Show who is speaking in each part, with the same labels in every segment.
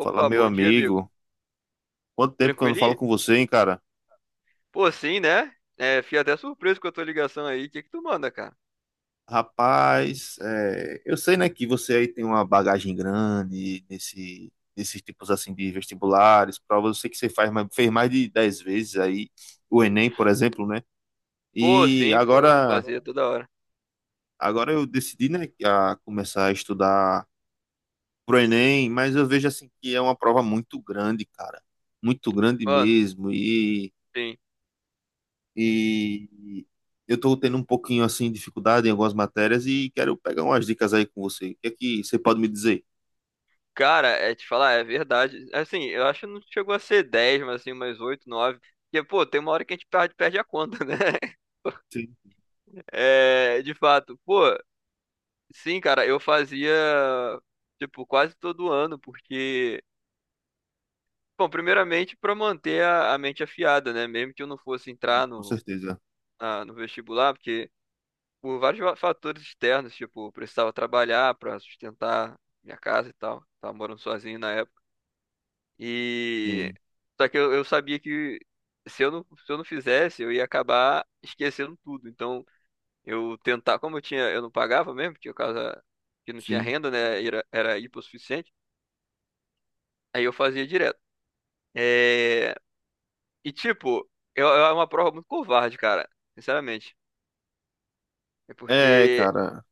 Speaker 1: Fala, meu
Speaker 2: bom dia, amigo.
Speaker 1: amigo. Quanto tempo que eu não falo
Speaker 2: Tranquilinho?
Speaker 1: com você, hein, cara?
Speaker 2: Pô, sim, né? É, fiquei até surpreso com a tua ligação aí. O que que tu manda, cara?
Speaker 1: Rapaz, é, eu sei, né, que você aí tem uma bagagem grande nesses tipos assim de vestibulares, provas. Eu sei que você fez mais de 10 vezes aí o Enem, por exemplo, né?
Speaker 2: Pô,
Speaker 1: E
Speaker 2: sim, pô, eu
Speaker 1: agora,
Speaker 2: fazia toda hora.
Speaker 1: agora eu decidi, né, a começar a estudar pro Enem, mas eu vejo assim que é uma prova muito grande, cara. Muito grande
Speaker 2: Mano,
Speaker 1: mesmo.
Speaker 2: sim.
Speaker 1: E eu estou tendo um pouquinho assim de dificuldade em algumas matérias e quero pegar umas dicas aí com você. O que é que você pode me dizer?
Speaker 2: Cara, é te falar, é verdade. Assim, eu acho que não chegou a ser 10, mas assim, mais oito, nove. Porque, pô, tem uma hora que a gente perde a conta, né?
Speaker 1: Sim,
Speaker 2: É, de fato. Pô, sim, cara, eu fazia, tipo, quase todo ano, porque bom, primeiramente, pra manter a mente afiada, né? Mesmo que eu não fosse
Speaker 1: sim,
Speaker 2: entrar
Speaker 1: com
Speaker 2: no,
Speaker 1: certeza.
Speaker 2: na- no vestibular, porque por vários fatores externos, tipo, eu precisava trabalhar para sustentar minha casa e tal. Tava morando sozinho na época. E
Speaker 1: Sim,
Speaker 2: só que eu sabia que se eu não fizesse, eu ia acabar esquecendo tudo. Então, eu tentar, como eu tinha, eu não pagava mesmo, tinha casa que não tinha
Speaker 1: sim.
Speaker 2: renda, né? Era hipossuficiente. Aí eu fazia direto. É. E tipo, eu era uma prova muito covarde, cara, sinceramente. É
Speaker 1: É,
Speaker 2: porque
Speaker 1: cara,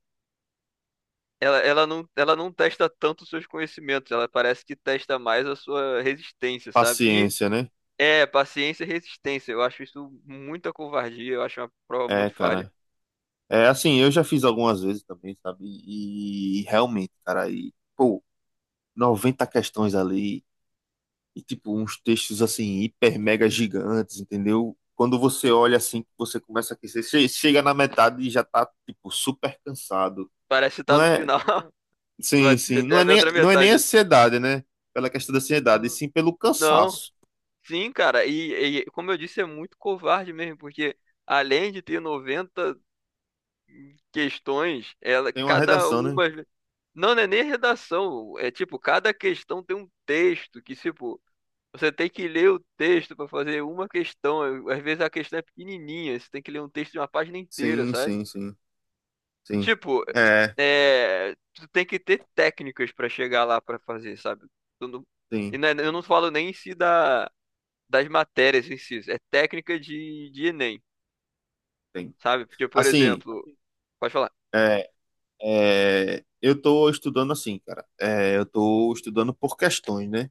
Speaker 2: ela, ela não testa tanto os seus conhecimentos, ela parece que testa mais a sua resistência, sabe? E
Speaker 1: paciência, né?
Speaker 2: é, paciência e resistência. Eu acho isso muita covardia, eu acho uma prova
Speaker 1: É,
Speaker 2: muito falha.
Speaker 1: cara. É assim, eu já fiz algumas vezes também, sabe? E realmente, cara, e, pô, 90 questões ali e tipo uns textos assim hiper mega gigantes, entendeu? Quando você olha assim, você começa a aquecer, chega na metade e já tá tipo super cansado.
Speaker 2: Parece estar
Speaker 1: Não
Speaker 2: no
Speaker 1: é.
Speaker 2: final.
Speaker 1: Sim,
Speaker 2: Vai
Speaker 1: sim.
Speaker 2: ter
Speaker 1: Não é
Speaker 2: a
Speaker 1: nem,
Speaker 2: outra
Speaker 1: não é nem
Speaker 2: metade.
Speaker 1: ansiedade, né? Pela questão da ansiedade, e
Speaker 2: Hum.
Speaker 1: sim pelo
Speaker 2: Não,
Speaker 1: cansaço.
Speaker 2: sim, cara. E como eu disse, é muito covarde mesmo, porque além de ter 90 questões, ela,
Speaker 1: Tem uma
Speaker 2: cada
Speaker 1: redação, né?
Speaker 2: uma. Não, não é nem redação. É tipo, cada questão tem um texto que, tipo. Você tem que ler o texto para fazer uma questão. Às vezes a questão é pequenininha, você tem que ler um texto de uma página inteira,
Speaker 1: Sim,
Speaker 2: sabe?
Speaker 1: sim, sim,
Speaker 2: E
Speaker 1: sim.
Speaker 2: tipo,
Speaker 1: É,
Speaker 2: é, tu tem que ter técnicas para chegar lá para fazer, sabe? Tu não-
Speaker 1: sim,
Speaker 2: E não é, eu não falo nem em si da, das matérias em si, é técnica de Enem,
Speaker 1: tem.
Speaker 2: sabe? Porque, por
Speaker 1: Assim,
Speaker 2: exemplo, pode falar.
Speaker 1: é, eu tô estudando assim, cara. É, eu tô estudando por questões, né?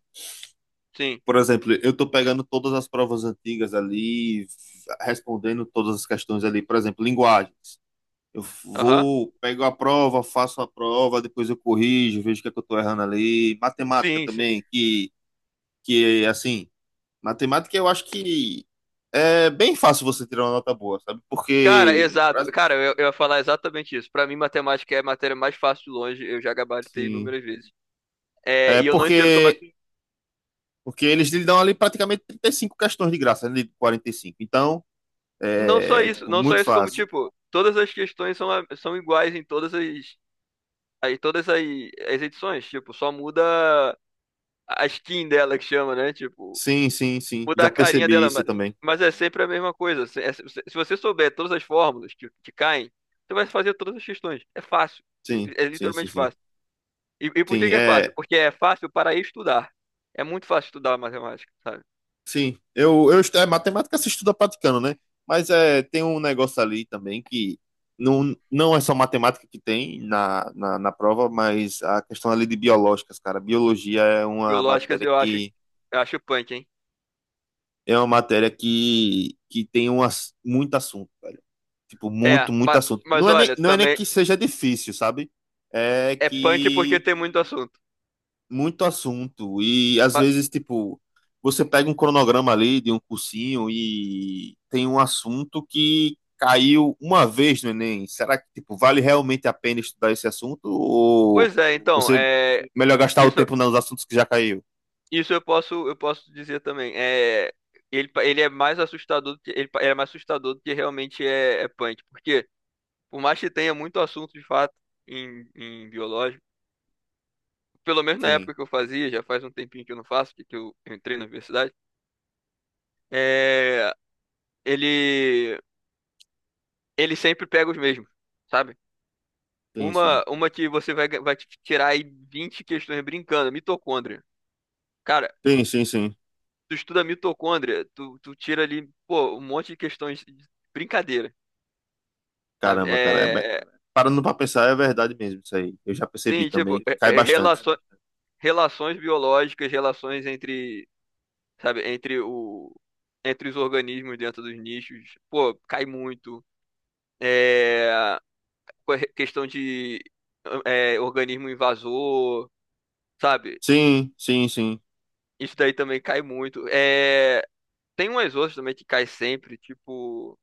Speaker 2: Sim.
Speaker 1: Por exemplo, eu tô pegando todas as provas antigas ali, respondendo todas as questões ali. Por exemplo, linguagens.
Speaker 2: Aham.
Speaker 1: Pego a prova, faço a prova, depois eu corrijo, vejo o que é que eu tô errando ali. Matemática
Speaker 2: Sim, sim.
Speaker 1: também, assim, matemática eu acho que é bem fácil você tirar uma nota boa, sabe?
Speaker 2: Cara,
Speaker 1: Porque,
Speaker 2: exato. Cara, eu ia falar exatamente isso. Para mim, matemática é a matéria mais fácil de longe, eu já gabaritei
Speaker 1: sim,
Speaker 2: inúmeras vezes. É,
Speaker 1: é
Speaker 2: e eu não entendo como é.
Speaker 1: porque eles lhe dão ali praticamente 35 questões de graça, né, de 45. Então,
Speaker 2: Não só
Speaker 1: é,
Speaker 2: isso,
Speaker 1: tipo,
Speaker 2: não só
Speaker 1: muito
Speaker 2: isso, como,
Speaker 1: fácil.
Speaker 2: tipo, todas as questões são, são iguais em todas as, em todas as, edições. Tipo, só muda a skin dela que chama, né? Tipo,
Speaker 1: Sim, sim, sim.
Speaker 2: muda
Speaker 1: Já
Speaker 2: a carinha
Speaker 1: percebi
Speaker 2: dela,
Speaker 1: isso
Speaker 2: mas,
Speaker 1: também.
Speaker 2: mas é sempre a mesma coisa. Se, se você souber todas as fórmulas que caem, você vai fazer todas as questões. É fácil.
Speaker 1: Sim,
Speaker 2: é
Speaker 1: sim, sim,
Speaker 2: literalmente
Speaker 1: sim.
Speaker 2: fácil. E por que
Speaker 1: Sim,
Speaker 2: que é fácil?
Speaker 1: é.
Speaker 2: Porque é fácil para estudar. É muito fácil estudar matemática, sabe?
Speaker 1: Sim, é matemática se estuda praticando, né? Mas é, tem um negócio ali também que não é só matemática que tem na prova, mas a questão ali de biológicas, cara. Biologia é uma
Speaker 2: Biológicas
Speaker 1: matéria que
Speaker 2: eu acho punk, hein?
Speaker 1: é uma matéria que, que tem muito assunto, velho. Tipo,
Speaker 2: É,
Speaker 1: muito, muito
Speaker 2: mas,
Speaker 1: assunto.
Speaker 2: mas
Speaker 1: Não é nem,
Speaker 2: olha,
Speaker 1: não é nem
Speaker 2: também.
Speaker 1: que seja difícil, sabe? É
Speaker 2: É punk porque
Speaker 1: que
Speaker 2: tem muito assunto.
Speaker 1: muito assunto. E às
Speaker 2: Mas-
Speaker 1: vezes, tipo, você pega um cronograma ali de um cursinho e tem um assunto que caiu uma vez no Enem. Será que, tipo, vale realmente a pena estudar esse assunto? Ou
Speaker 2: Pois é, então,
Speaker 1: você
Speaker 2: é,
Speaker 1: melhor gastar o
Speaker 2: isso,
Speaker 1: tempo nos assuntos que já caiu?
Speaker 2: isso eu posso dizer também. É, ele, ele é mais assustador do que, ele, é mais assustador do que realmente é, é punk. Porque, por mais que tenha muito assunto de fato em biológico, pelo menos na
Speaker 1: Sim,
Speaker 2: época que eu fazia, já faz um tempinho que eu não faço, que eu entrei na universidade, é, ele, ele sempre pega os mesmos, sabe?
Speaker 1: sim, sim.
Speaker 2: Uma que vai te tirar aí 20 questões brincando, mitocôndria. Cara,
Speaker 1: Sim, sim, sim.
Speaker 2: tu estuda mitocôndria, tu tira ali, pô, um monte de questões de brincadeira, sabe?
Speaker 1: Caramba, cara.
Speaker 2: É,
Speaker 1: Parando pra pensar, é verdade mesmo isso aí. Eu já percebi
Speaker 2: sim, tipo,
Speaker 1: também que
Speaker 2: é,
Speaker 1: cai
Speaker 2: é,
Speaker 1: bastante.
Speaker 2: relações biológicas, relações entre, sabe, entre os organismos dentro dos nichos, pô, cai muito. É, questão de, é, organismo invasor, sabe?
Speaker 1: Sim, sim, sim.
Speaker 2: Isso daí também cai muito. É, tem umas outras também que cai sempre, tipo.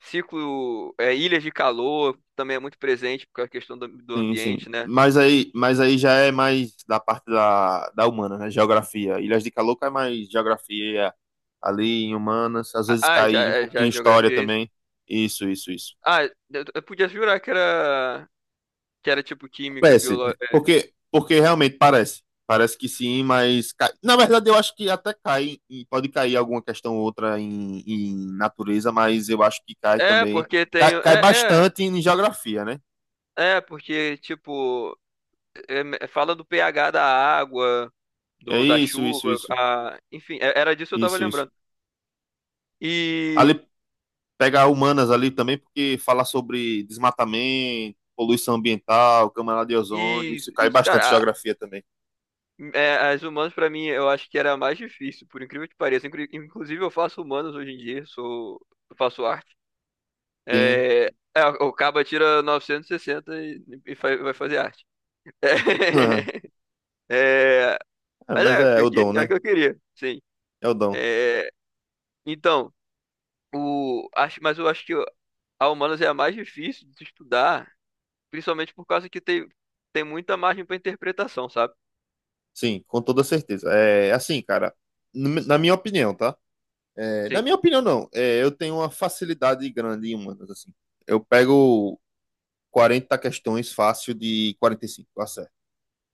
Speaker 2: Ciclo, é, ilhas de calor também é muito presente por causa da questão do
Speaker 1: Sim, sim.
Speaker 2: ambiente, né?
Speaker 1: Mas aí já é mais da parte da humana, né? Geografia. Ilhas de Calor cai mais geografia ali em humanas, às
Speaker 2: Ah,
Speaker 1: vezes
Speaker 2: ah, já,
Speaker 1: cai um
Speaker 2: é, já
Speaker 1: pouquinho em
Speaker 2: a
Speaker 1: história
Speaker 2: geografia é isso?
Speaker 1: também. Isso, isso, isso.
Speaker 2: Ah, eu podia jurar que era tipo química,
Speaker 1: Parece,
Speaker 2: biológica.
Speaker 1: porque realmente parece. Parece que sim, mas cai. Na verdade, eu acho que até cai, e pode cair alguma questão ou outra em natureza, mas eu acho que cai
Speaker 2: É, é,
Speaker 1: também.
Speaker 2: porque
Speaker 1: Cai,
Speaker 2: tem.
Speaker 1: cai
Speaker 2: É, é,
Speaker 1: bastante em geografia, né?
Speaker 2: é porque, tipo, fala do pH da água,
Speaker 1: É
Speaker 2: da
Speaker 1: isso, isso,
Speaker 2: chuva,
Speaker 1: isso.
Speaker 2: a, enfim, é- era disso que eu tava
Speaker 1: Isso, isso.
Speaker 2: lembrando. E.
Speaker 1: Ali pegar humanas ali também, porque falar sobre desmatamento, poluição ambiental, camada de ozônio,
Speaker 2: E.
Speaker 1: isso
Speaker 2: Isso,
Speaker 1: cai
Speaker 2: isso.
Speaker 1: bastante em
Speaker 2: Cara,
Speaker 1: geografia também.
Speaker 2: é, as humanas pra mim eu acho que era a mais difícil, por incrível que pareça. Inclusive eu faço humanas hoje em dia, sou eu faço arte.
Speaker 1: Sim.
Speaker 2: É, é, o Caba tira 960 e, 60 vai fazer arte.
Speaker 1: Aham.
Speaker 2: É,
Speaker 1: É,
Speaker 2: mas
Speaker 1: mas
Speaker 2: é, porque
Speaker 1: é,
Speaker 2: eu
Speaker 1: o
Speaker 2: queria,
Speaker 1: dom,
Speaker 2: é o
Speaker 1: né?
Speaker 2: que eu queria, sim.
Speaker 1: É o dom.
Speaker 2: É, então, mas eu acho que a humanas é a mais difícil de estudar, principalmente por causa que tem, muita margem pra interpretação, sabe?
Speaker 1: Sim, com toda certeza. É assim, cara, na minha opinião, tá? É, na
Speaker 2: Sim.
Speaker 1: minha opinião, não. É, eu tenho uma facilidade grande em humanas, assim. Eu pego 40 questões fácil de 45, eu acerto.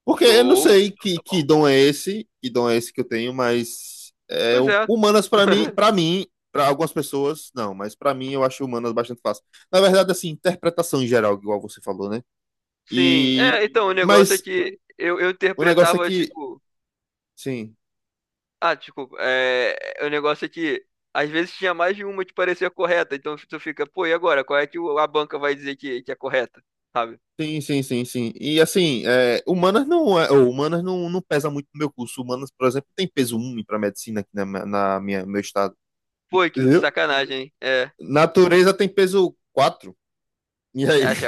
Speaker 1: Porque eu não
Speaker 2: Show.
Speaker 1: sei
Speaker 2: Então,
Speaker 1: que,
Speaker 2: tá
Speaker 1: que
Speaker 2: bom.
Speaker 1: dom é esse, que dom é esse que eu tenho, mas é,
Speaker 2: Pois é.
Speaker 1: humanas para mim, para mim, para algumas pessoas, não, mas para mim eu acho humanas bastante fácil. Na verdade, assim, interpretação em geral, igual você falou, né?
Speaker 2: Sim,
Speaker 1: E
Speaker 2: é, então, o negócio é
Speaker 1: mas
Speaker 2: que eu
Speaker 1: o negócio é
Speaker 2: interpretava,
Speaker 1: que,
Speaker 2: tipo,
Speaker 1: sim,
Speaker 2: ah, desculpa, é, o negócio é que às vezes tinha mais de uma que parecia correta, então tu fica, pô, e agora? Qual é que a banca vai dizer que é correta, sabe?
Speaker 1: sim, sim, sim, sim. E assim, é, humanas não é, ou humanas não pesa muito no meu curso. Humanas, por exemplo, tem peso um para medicina aqui na minha meu estado,
Speaker 2: Pô, que
Speaker 1: entendeu?
Speaker 2: sacanagem, hein? É,
Speaker 1: Natureza tem peso quatro. E
Speaker 2: é,
Speaker 1: aí?
Speaker 2: acho,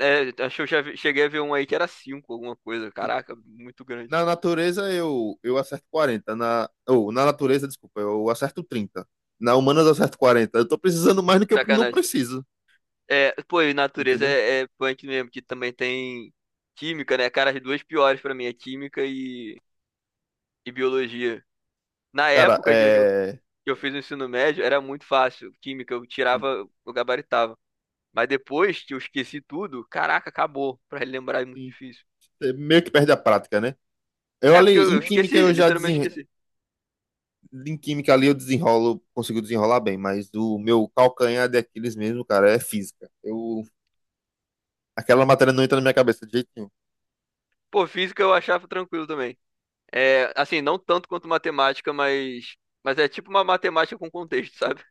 Speaker 2: acho que eu cheguei a ver um aí que era cinco, alguma coisa, caraca, muito grande.
Speaker 1: Na natureza eu acerto 40. Na natureza, desculpa, eu acerto 30. Na humanas eu acerto 40. Eu tô precisando mais do que eu não
Speaker 2: Sacanagem.
Speaker 1: preciso,
Speaker 2: É, pô, e natureza
Speaker 1: entendeu?
Speaker 2: é punk mesmo, que também tem química, né? Cara, as duas piores pra mim é química e biologia. Na
Speaker 1: Cara,
Speaker 2: época
Speaker 1: é.
Speaker 2: que eu fiz o ensino médio era muito fácil. Química, eu
Speaker 1: tem-
Speaker 2: tirava, eu gabaritava. Mas depois que eu esqueci tudo, caraca, acabou. Pra relembrar é muito
Speaker 1: tem-
Speaker 2: difícil.
Speaker 1: É meio que perde a prática, né? Eu
Speaker 2: É porque
Speaker 1: ali,
Speaker 2: eu
Speaker 1: em
Speaker 2: olha,
Speaker 1: química
Speaker 2: esqueci, que
Speaker 1: eu já
Speaker 2: literalmente coisa.
Speaker 1: desen...
Speaker 2: Esqueci.
Speaker 1: Em química ali eu desenrolo, consigo desenrolar bem, mas o meu calcanhar de Aquiles mesmo, cara, é física. Aquela matéria não entra na minha cabeça de jeito nenhum.
Speaker 2: Pô, física eu achava tranquilo também. É, assim, não tanto quanto matemática, mas, é tipo uma matemática com contexto, sabe?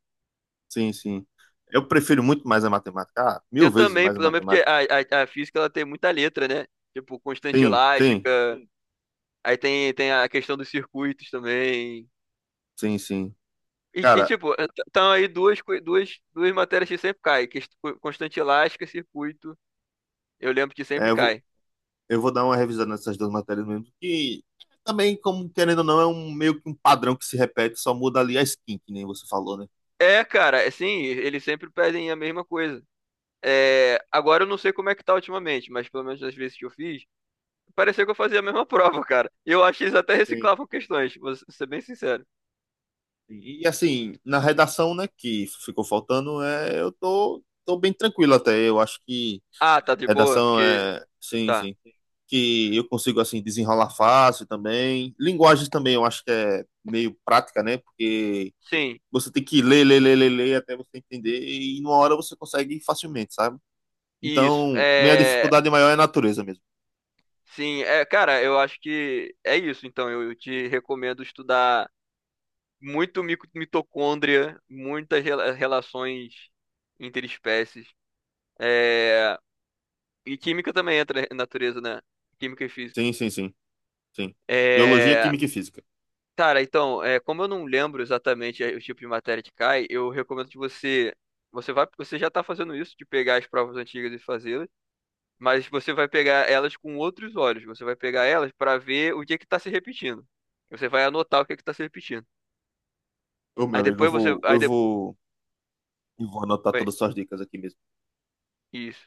Speaker 1: Sim, sim. Eu prefiro muito mais a matemática. Ah, mil
Speaker 2: Eu
Speaker 1: vezes
Speaker 2: também,
Speaker 1: mais a
Speaker 2: também porque
Speaker 1: matemática.
Speaker 2: a física ela tem muita letra, né? Tipo, constante
Speaker 1: Sim,
Speaker 2: elástica,
Speaker 1: sim,
Speaker 2: aí tem a questão dos circuitos também.
Speaker 1: sim, sim. Cara,
Speaker 2: Tipo, estão aí duas, duas matérias que sempre caem, que é constante elástica, e circuito. Eu lembro que sempre
Speaker 1: é, eu vou,
Speaker 2: cai.
Speaker 1: eu vou dar uma revisada nessas duas matérias mesmo, que também, como querendo ou não, é um meio que um padrão que se repete, só muda ali a skin, que nem você falou, né?
Speaker 2: É, cara, é sim, eles sempre pedem a mesma coisa. É, agora eu não sei como é que tá ultimamente, mas pelo menos nas vezes que eu fiz, parecia que eu fazia a mesma prova, cara. E eu acho que eles até
Speaker 1: Sim.
Speaker 2: reciclavam questões, ser bem sincero.
Speaker 1: E assim, na redação, né, que ficou faltando, é, eu tô bem tranquilo até. Eu acho que
Speaker 2: Ah, tá de boa,
Speaker 1: redação
Speaker 2: porque.
Speaker 1: é, sim,
Speaker 2: Tá.
Speaker 1: sim, que eu consigo assim desenrolar fácil também. Linguagem também, eu acho que é meio prática, né? Porque
Speaker 2: Sim,
Speaker 1: você tem que ler, ler, ler, ler, ler até você entender e numa hora você consegue facilmente, sabe?
Speaker 2: isso.
Speaker 1: Então, minha
Speaker 2: É.
Speaker 1: dificuldade maior é natureza mesmo.
Speaker 2: Sim, é, cara, eu acho que é isso, então. Eu te recomendo estudar muito mitocôndria, muitas relações interespécies. É, e química também entra na natureza, né? Química e física.
Speaker 1: Sim, sim, sim, sim. Biologia,
Speaker 2: É,
Speaker 1: química e física.
Speaker 2: cara, então, é, como eu não lembro exatamente, o tipo de matéria que cai, eu recomendo que você. Você já está fazendo isso, de pegar as provas antigas e fazê-las, mas você vai pegar elas com outros olhos. Você vai pegar elas para ver o que é que está se repetindo. Você vai anotar o que é que está se repetindo.
Speaker 1: Ô, meu
Speaker 2: Aí
Speaker 1: amigo, eu
Speaker 2: depois você.
Speaker 1: vou, eu
Speaker 2: Aí depois.
Speaker 1: vou, eu vou anotar todas as suas dicas aqui mesmo.
Speaker 2: Isso.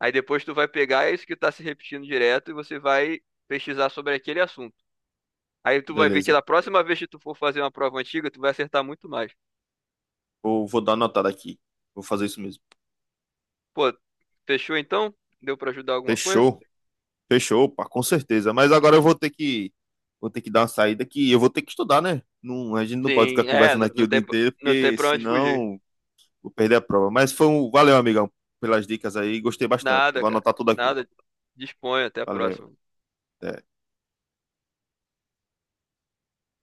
Speaker 2: Aí depois tu vai pegar isso que tá se repetindo direto e você vai pesquisar sobre aquele assunto. Aí tu vai ver que
Speaker 1: Beleza.
Speaker 2: da próxima vez que tu for fazer uma prova antiga, tu vai acertar muito mais.
Speaker 1: Vou dar anotada aqui. Vou fazer isso mesmo.
Speaker 2: Pô, fechou então? Deu pra ajudar alguma coisa?
Speaker 1: Fechou. Fechou, pá, com certeza. Mas agora eu vou ter que dar uma saída que eu vou ter que estudar, né? Não, a gente não pode ficar
Speaker 2: Sim, é,
Speaker 1: conversando
Speaker 2: não,
Speaker 1: aqui
Speaker 2: não
Speaker 1: o dia
Speaker 2: tem,
Speaker 1: inteiro,
Speaker 2: não tem
Speaker 1: porque
Speaker 2: pra onde fugir.
Speaker 1: senão vou perder a prova. Mas valeu, amigão, pelas dicas aí. Gostei bastante.
Speaker 2: Nada,
Speaker 1: Vou
Speaker 2: cara.
Speaker 1: anotar tudo aqui.
Speaker 2: Nada. Disponha, até a
Speaker 1: Valeu.
Speaker 2: próxima.
Speaker 1: Até.